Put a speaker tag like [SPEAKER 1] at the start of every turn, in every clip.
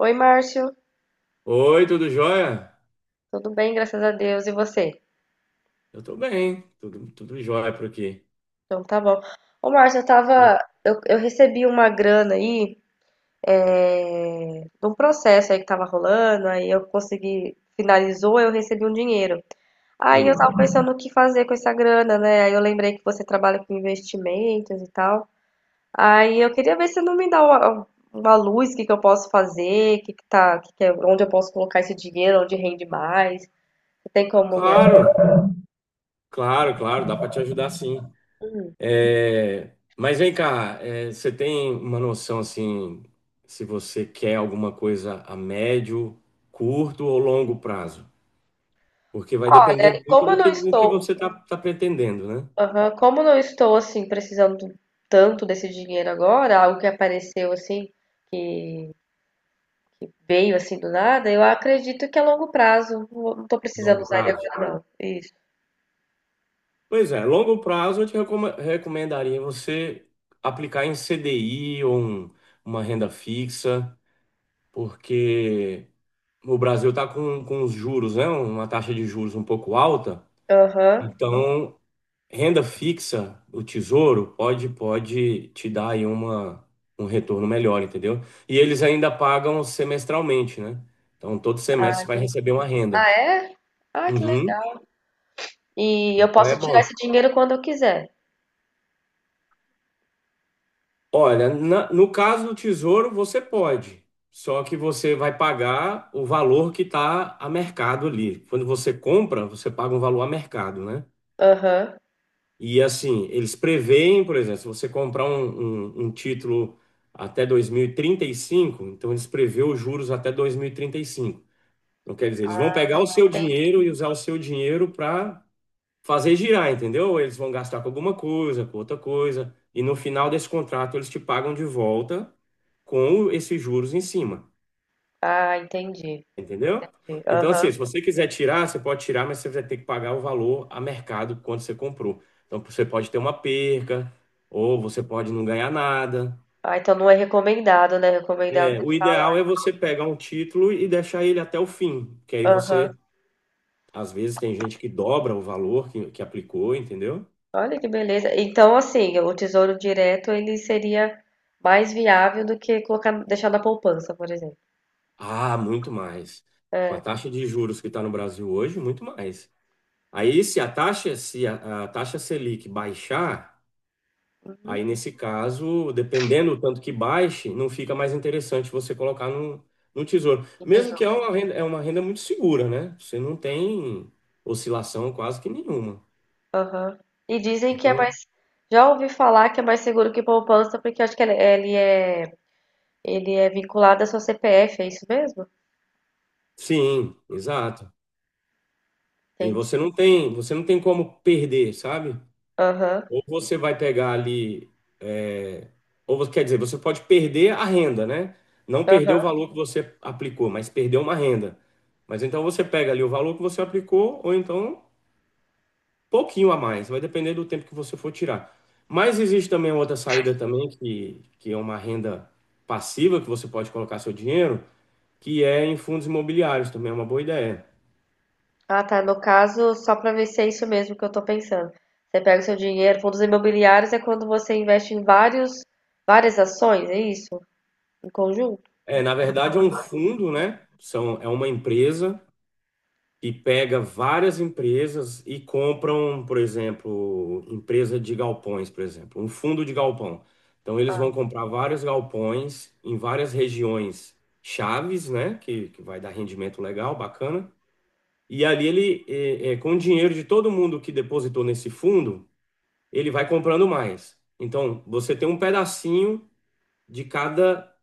[SPEAKER 1] Oi, Márcio.
[SPEAKER 2] Oi, tudo jóia?
[SPEAKER 1] Tudo bem, graças a Deus. E você?
[SPEAKER 2] Eu tô bem, tudo jóia por aqui.
[SPEAKER 1] Então tá bom. Ô, Márcio, eu tava. Eu recebi uma grana aí, de um processo aí que tava rolando, aí eu consegui. Finalizou, eu recebi um dinheiro. Aí eu
[SPEAKER 2] Hum,
[SPEAKER 1] tava pensando o que fazer com essa grana, né? Aí eu lembrei que você trabalha com investimentos e tal. Aí eu queria ver se não me dá uma luz, o que que eu posso fazer, que tá, onde eu posso colocar esse dinheiro, onde rende mais. Você tem como me
[SPEAKER 2] Claro, claro, claro, dá para te ajudar sim.
[SPEAKER 1] ajudar?
[SPEAKER 2] É, mas vem cá, é, você tem uma noção assim, se você quer alguma coisa a médio, curto ou longo prazo? Porque vai depender
[SPEAKER 1] Olha,
[SPEAKER 2] muito do que, do que você tá pretendendo, né?
[SPEAKER 1] como eu não estou assim precisando tanto desse dinheiro agora, algo que apareceu assim, veio assim do nada, eu acredito que a longo prazo não estou precisando
[SPEAKER 2] Longo
[SPEAKER 1] usar ele
[SPEAKER 2] prazo.
[SPEAKER 1] agora não. Isso.
[SPEAKER 2] Pois é, longo prazo eu te recomendaria você aplicar em CDI ou uma renda fixa. Porque o Brasil está com os juros, né? Uma taxa de juros um pouco alta.
[SPEAKER 1] Aham.
[SPEAKER 2] Então, renda fixa, o Tesouro, pode te dar aí um retorno melhor, entendeu? E eles ainda pagam semestralmente, né? Então, todo semestre
[SPEAKER 1] Ah,
[SPEAKER 2] você vai
[SPEAKER 1] entendi.
[SPEAKER 2] receber uma
[SPEAKER 1] Ah,
[SPEAKER 2] renda.
[SPEAKER 1] é? Ah, que
[SPEAKER 2] Uhum,
[SPEAKER 1] legal. E eu
[SPEAKER 2] então
[SPEAKER 1] posso
[SPEAKER 2] é
[SPEAKER 1] tirar esse
[SPEAKER 2] bom.
[SPEAKER 1] dinheiro quando eu quiser.
[SPEAKER 2] Olha, no caso do Tesouro, você pode. Só que você vai pagar o valor que está a mercado ali. Quando você compra, você paga um valor a mercado, né?
[SPEAKER 1] Aham.
[SPEAKER 2] E assim, eles preveem, por exemplo, se você comprar um título até 2035, então eles prevê os juros até dois mil e trinta e cinco. Então, quer dizer, eles vão pegar o seu
[SPEAKER 1] Entendi.
[SPEAKER 2] dinheiro e usar o seu dinheiro para fazer girar, entendeu? Eles vão gastar com alguma coisa, com outra coisa, e no final desse contrato eles te pagam de volta com esses juros em cima.
[SPEAKER 1] Ah, entendi.
[SPEAKER 2] Entendeu? Então, assim,
[SPEAKER 1] Aham.
[SPEAKER 2] se você quiser tirar, você pode tirar, mas você vai ter que pagar o valor a mercado quando você comprou. Então, você pode ter uma perca, ou você pode não ganhar nada.
[SPEAKER 1] Ah, então não é recomendado, né? Recomendado.
[SPEAKER 2] É, o ideal é você pegar um título e deixar ele até o fim, que aí
[SPEAKER 1] Aham.
[SPEAKER 2] você, às vezes, tem gente que dobra o valor que aplicou, entendeu?
[SPEAKER 1] Olha que beleza. Então, assim, o tesouro direto ele seria mais viável do que colocar, deixar na poupança, por exemplo.
[SPEAKER 2] Ah, muito mais. Com a
[SPEAKER 1] É,
[SPEAKER 2] taxa de juros que está no Brasil hoje, muito mais. Aí, se a taxa Selic baixar,
[SPEAKER 1] uhum,
[SPEAKER 2] aí, nesse caso, dependendo do tanto que baixe, não fica mais interessante você colocar no tesouro.
[SPEAKER 1] o
[SPEAKER 2] Mesmo que
[SPEAKER 1] tesouro.
[SPEAKER 2] é uma renda muito segura, né? Você não tem oscilação quase que nenhuma.
[SPEAKER 1] Aham. E dizem que é
[SPEAKER 2] Então,
[SPEAKER 1] mais. Já ouvi falar que é mais seguro que poupança, porque eu acho que ele é, ele é vinculado à sua CPF, é isso mesmo?
[SPEAKER 2] sim, exato. E
[SPEAKER 1] Entendi.
[SPEAKER 2] você não tem como perder, sabe?
[SPEAKER 1] Aham,
[SPEAKER 2] Ou você vai pegar ali, é, quer dizer, você pode perder a renda, né? Não perder o
[SPEAKER 1] aham.
[SPEAKER 2] valor que você aplicou, mas perder uma renda. Mas então você pega ali o valor que você aplicou, ou então pouquinho a mais, vai depender do tempo que você for tirar. Mas existe também outra saída também, que é uma renda passiva que você pode colocar seu dinheiro, que é em fundos imobiliários, também é uma boa ideia.
[SPEAKER 1] Ah, tá. No caso, só para ver se é isso mesmo que eu tô pensando. Você pega o seu dinheiro, fundos imobiliários é quando você investe em várias ações, é isso? Em conjunto?
[SPEAKER 2] É, na verdade, é um fundo, né? São, é uma empresa que pega várias empresas e compram, por exemplo, empresa de galpões, por exemplo, um fundo de galpão. Então, eles vão comprar vários galpões em várias regiões chaves, né? Que vai dar rendimento legal, bacana. E ali ele, com o dinheiro de todo mundo que depositou nesse fundo, ele vai comprando mais. Então, você tem um pedacinho de cada,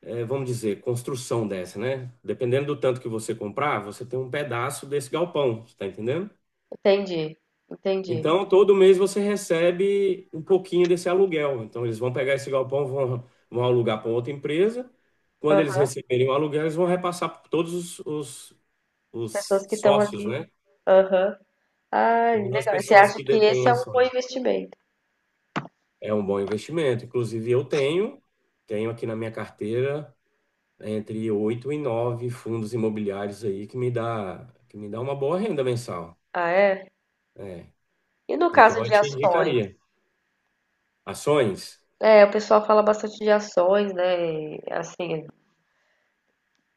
[SPEAKER 2] vamos dizer, construção dessa, né? Dependendo do tanto que você comprar, você tem um pedaço desse galpão, você tá entendendo?
[SPEAKER 1] Entendi, entendi.
[SPEAKER 2] Então, todo mês você recebe um pouquinho desse aluguel. Então, eles vão pegar esse galpão, vão alugar para outra empresa. Quando eles
[SPEAKER 1] Aham.
[SPEAKER 2] receberem o aluguel, eles vão repassar para todos os, os
[SPEAKER 1] As
[SPEAKER 2] os
[SPEAKER 1] pessoas que estão
[SPEAKER 2] sócios,
[SPEAKER 1] ali.
[SPEAKER 2] né?
[SPEAKER 1] Aham. Ah,
[SPEAKER 2] Todas as
[SPEAKER 1] legal. E você
[SPEAKER 2] pessoas
[SPEAKER 1] acha
[SPEAKER 2] que
[SPEAKER 1] que esse
[SPEAKER 2] detêm
[SPEAKER 1] é um bom
[SPEAKER 2] ações.
[SPEAKER 1] investimento?
[SPEAKER 2] É um bom investimento. Inclusive, eu tenho aqui na minha carteira entre oito e nove fundos imobiliários aí que me dá uma boa renda mensal.
[SPEAKER 1] Ah, é?
[SPEAKER 2] É.
[SPEAKER 1] E no caso
[SPEAKER 2] Então, eu
[SPEAKER 1] de
[SPEAKER 2] te
[SPEAKER 1] ações?
[SPEAKER 2] indicaria. Ações?
[SPEAKER 1] É, o pessoal fala bastante de ações, né? Assim,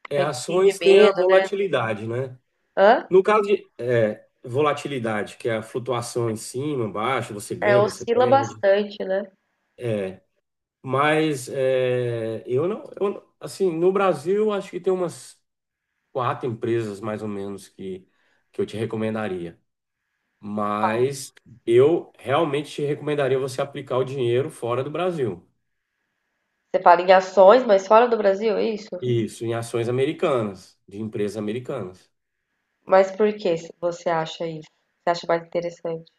[SPEAKER 2] É,
[SPEAKER 1] tem um pouquinho de
[SPEAKER 2] ações tem a
[SPEAKER 1] medo, né?
[SPEAKER 2] volatilidade, né?
[SPEAKER 1] Hã?
[SPEAKER 2] No caso de volatilidade, que é a flutuação em cima, baixo, você
[SPEAKER 1] É,
[SPEAKER 2] ganha, você
[SPEAKER 1] oscila
[SPEAKER 2] perde.
[SPEAKER 1] bastante, né?
[SPEAKER 2] Mas é, eu não- assim, no Brasil, acho que tem umas quatro empresas mais ou menos que eu te recomendaria.
[SPEAKER 1] Qual?
[SPEAKER 2] Mas eu realmente te recomendaria você aplicar o dinheiro fora do Brasil.
[SPEAKER 1] Você fala em ações, mas fora do Brasil, é isso?
[SPEAKER 2] Isso, em ações americanas, de empresas americanas.
[SPEAKER 1] Mas por que você acha isso? Você acha mais interessante?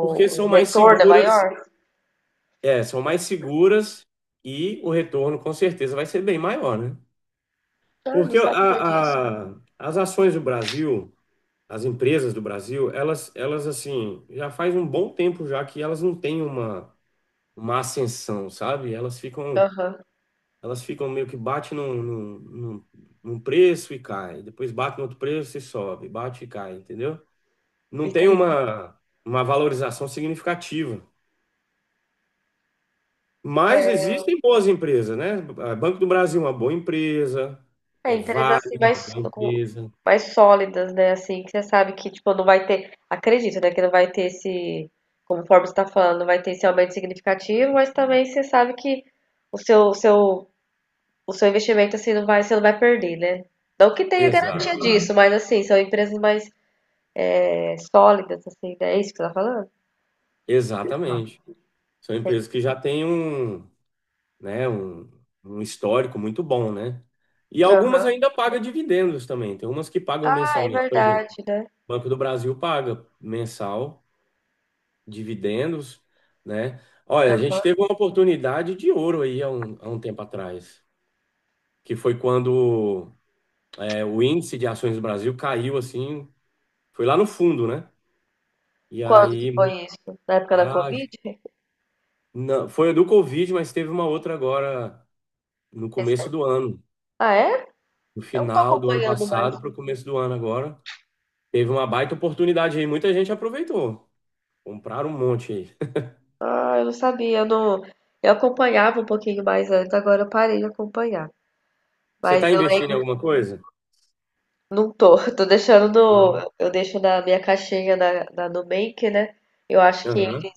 [SPEAKER 2] Porque são mais
[SPEAKER 1] retorno é
[SPEAKER 2] seguras,
[SPEAKER 1] maior?
[SPEAKER 2] são mais seguras e o retorno com certeza vai ser bem maior, né?
[SPEAKER 1] Ah, não
[SPEAKER 2] Porque
[SPEAKER 1] sabia disso.
[SPEAKER 2] as ações do Brasil, as empresas do Brasil, elas assim, já faz um bom tempo já que elas não têm uma ascensão, sabe? Elas ficam
[SPEAKER 1] Aham,
[SPEAKER 2] Elas ficam meio que bate num preço e cai, depois bate no outro preço e sobe, bate e cai, entendeu? Não tem
[SPEAKER 1] entendi.
[SPEAKER 2] uma valorização significativa. Mas existem boas empresas, né? Ah, Banco do Brasil é uma boa empresa,
[SPEAKER 1] É,
[SPEAKER 2] é
[SPEAKER 1] empresas
[SPEAKER 2] Vale,
[SPEAKER 1] assim
[SPEAKER 2] é uma
[SPEAKER 1] mais,
[SPEAKER 2] boa empresa.
[SPEAKER 1] mais sólidas, né? Assim, que você sabe que, tipo, não vai ter. Acredito, né? Que não vai ter esse. Como o você está falando, não vai ter esse aumento significativo, mas também você sabe que o seu, o seu, o seu investimento assim não vai, você não vai perder, né? Não que tenha garantia
[SPEAKER 2] Exato,
[SPEAKER 1] disso, mas assim, são empresas mais sólidas, assim, né? É isso que você tá falando?
[SPEAKER 2] exatamente. São
[SPEAKER 1] Entendi.
[SPEAKER 2] empresas que já têm um, né, um histórico muito bom, né? E algumas
[SPEAKER 1] Aham.
[SPEAKER 2] ainda pagam dividendos também. Tem umas que pagam
[SPEAKER 1] Ah, é
[SPEAKER 2] mensalmente. Por exemplo,
[SPEAKER 1] verdade, né?
[SPEAKER 2] Banco do Brasil paga mensal, dividendos, né? Olha, a gente
[SPEAKER 1] Aham.
[SPEAKER 2] teve uma oportunidade de ouro aí há um tempo atrás, que foi quando o índice de ações do Brasil caiu assim, foi lá no fundo, né? E
[SPEAKER 1] Quando que
[SPEAKER 2] aí,
[SPEAKER 1] foi isso? Na época da
[SPEAKER 2] ah,
[SPEAKER 1] Covid?
[SPEAKER 2] não, foi a do Covid, mas teve uma outra agora no
[SPEAKER 1] Recente?
[SPEAKER 2] começo do ano,
[SPEAKER 1] Ah, é?
[SPEAKER 2] no
[SPEAKER 1] Eu não tô
[SPEAKER 2] final do ano
[SPEAKER 1] acompanhando mais.
[SPEAKER 2] passado para o começo do ano agora. Teve uma baita oportunidade aí, muita gente aproveitou. Compraram um monte aí.
[SPEAKER 1] Ah, eu não sabia, eu não. Eu acompanhava um pouquinho mais antes, agora eu parei de acompanhar.
[SPEAKER 2] Você está
[SPEAKER 1] Mas eu
[SPEAKER 2] investindo em
[SPEAKER 1] lembro,
[SPEAKER 2] alguma coisa?
[SPEAKER 1] não tô, tô deixando
[SPEAKER 2] Não.
[SPEAKER 1] no, eu deixo na minha caixinha na, na Nubank, né? Eu acho que eles
[SPEAKER 2] Aham.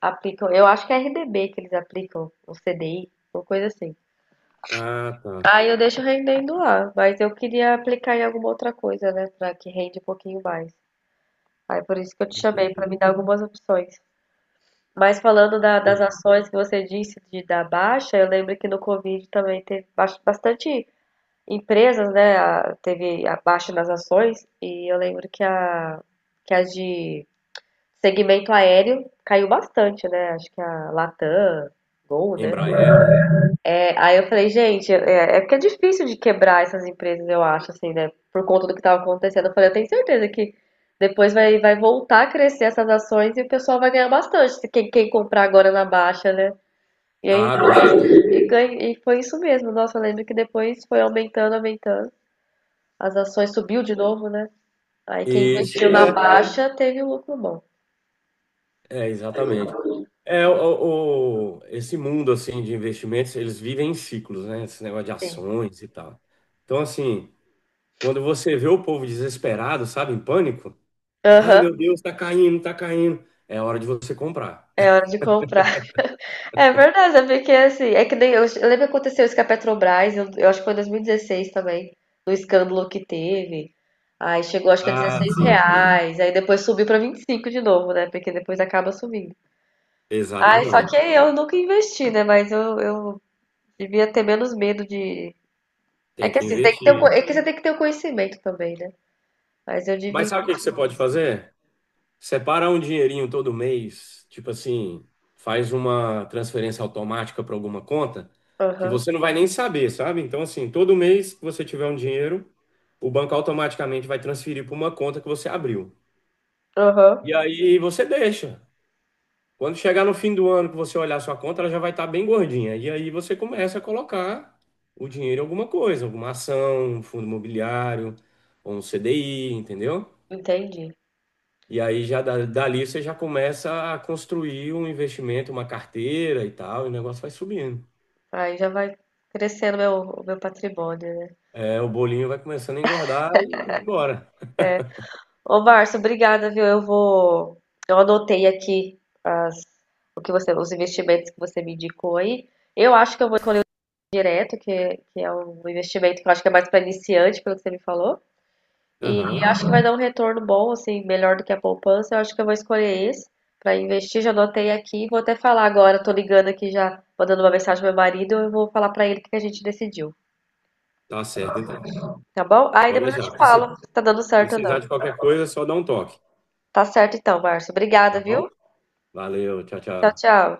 [SPEAKER 1] aplicam, eu acho que é RDB que eles aplicam, o CDI, uma coisa assim.
[SPEAKER 2] Ah, tá.
[SPEAKER 1] Aí eu deixo rendendo lá, mas eu queria aplicar em alguma outra coisa, né? Pra que rende um pouquinho mais. Aí por isso que eu te chamei, pra
[SPEAKER 2] Entendi.
[SPEAKER 1] me dar algumas opções. Mas falando da das
[SPEAKER 2] Entendi.
[SPEAKER 1] ações que você disse de da baixa, eu lembro que no Covid também teve bastante empresas, né? Teve a baixa nas ações, e eu lembro que a de segmento aéreo caiu bastante, né? Acho que a Latam, Gol, né?
[SPEAKER 2] Embraer, né?
[SPEAKER 1] É, aí eu falei, gente, porque é difícil de quebrar essas empresas, eu acho, assim, né? Por conta do que estava acontecendo. Eu falei, eu tenho certeza que depois vai, vai voltar a crescer essas ações e o pessoal vai ganhar bastante, se quem comprar agora na baixa, né? E aí,
[SPEAKER 2] Ah, com certeza.
[SPEAKER 1] e ganhei, e foi isso mesmo. Nossa, eu lembro que depois foi aumentando, aumentando. As ações subiu de novo, né? Aí quem
[SPEAKER 2] Isso.
[SPEAKER 1] investiu na
[SPEAKER 2] É,
[SPEAKER 1] baixa teve um lucro bom.
[SPEAKER 2] é, exatamente. É, esse mundo, assim, de investimentos, eles vivem em ciclos, né? Esse negócio de
[SPEAKER 1] Sim.
[SPEAKER 2] ações e tal. Então, assim, quando você vê o povo desesperado, sabe, em pânico, ai,
[SPEAKER 1] Aham.
[SPEAKER 2] meu Deus, tá caindo, tá caindo. É hora de você comprar.
[SPEAKER 1] É hora de comprar. É verdade, é porque assim, é que nem eu, eu lembro que aconteceu isso com a Petrobras, eu acho que foi em 2016 também, do escândalo que teve. Aí chegou acho que a
[SPEAKER 2] Ah,
[SPEAKER 1] 16
[SPEAKER 2] sim.
[SPEAKER 1] reais, aí depois subiu para 25 de novo, né? Porque depois acaba subindo. Ai, só que
[SPEAKER 2] Exatamente.
[SPEAKER 1] eu nunca investi, né? Mas eu devia ter menos medo de. É
[SPEAKER 2] Tem
[SPEAKER 1] que
[SPEAKER 2] que
[SPEAKER 1] assim, tem que ter
[SPEAKER 2] investir.
[SPEAKER 1] é que você tem que ter o conhecimento também, né? Mas eu
[SPEAKER 2] Mas
[SPEAKER 1] devia.
[SPEAKER 2] sabe o que que você pode fazer? Separa um dinheirinho todo mês, tipo assim, faz uma transferência automática para alguma conta que
[SPEAKER 1] Aham,
[SPEAKER 2] você não vai nem saber, sabe? Então, assim, todo mês que você tiver um dinheiro, o banco automaticamente vai transferir para uma conta que você abriu.
[SPEAKER 1] aham,
[SPEAKER 2] E aí você deixa. Quando chegar no fim do ano que você olhar sua conta, ela já vai estar bem gordinha. E aí você começa a colocar o dinheiro em alguma coisa, alguma ação, um fundo imobiliário, ou um CDI, entendeu?
[SPEAKER 1] entendi.
[SPEAKER 2] E aí já dali você já começa a construir um investimento, uma carteira e tal, e o negócio vai subindo.
[SPEAKER 1] Aí já vai crescendo meu, o meu patrimônio, né?
[SPEAKER 2] É, o bolinho vai começando a engordar e vai embora.
[SPEAKER 1] Ô, Márcio, obrigada, viu? Eu vou. Eu anotei aqui as, os investimentos que você me indicou aí. Eu acho que eu vou direto, que é um investimento que eu acho que é mais para iniciante, pelo que você me falou. E
[SPEAKER 2] Aham,
[SPEAKER 1] acho que vai dar um retorno bom, assim, melhor do que a poupança. Eu acho que eu vou escolher esse para investir. Já anotei aqui, vou até falar agora. Tô ligando aqui já, mandando uma mensagem pro meu marido. Eu vou falar para ele o que a gente decidiu,
[SPEAKER 2] tá certo então.
[SPEAKER 1] tá bom? Aí
[SPEAKER 2] Pode
[SPEAKER 1] depois eu
[SPEAKER 2] deixar.
[SPEAKER 1] te falo se tá dando certo ou
[SPEAKER 2] Precisar
[SPEAKER 1] não.
[SPEAKER 2] de qualquer coisa, é só dar um toque,
[SPEAKER 1] Tá certo então, Márcio. Obrigada,
[SPEAKER 2] tá bom?
[SPEAKER 1] viu?
[SPEAKER 2] Valeu, tchau,
[SPEAKER 1] Tchau,
[SPEAKER 2] tchau.
[SPEAKER 1] tchau.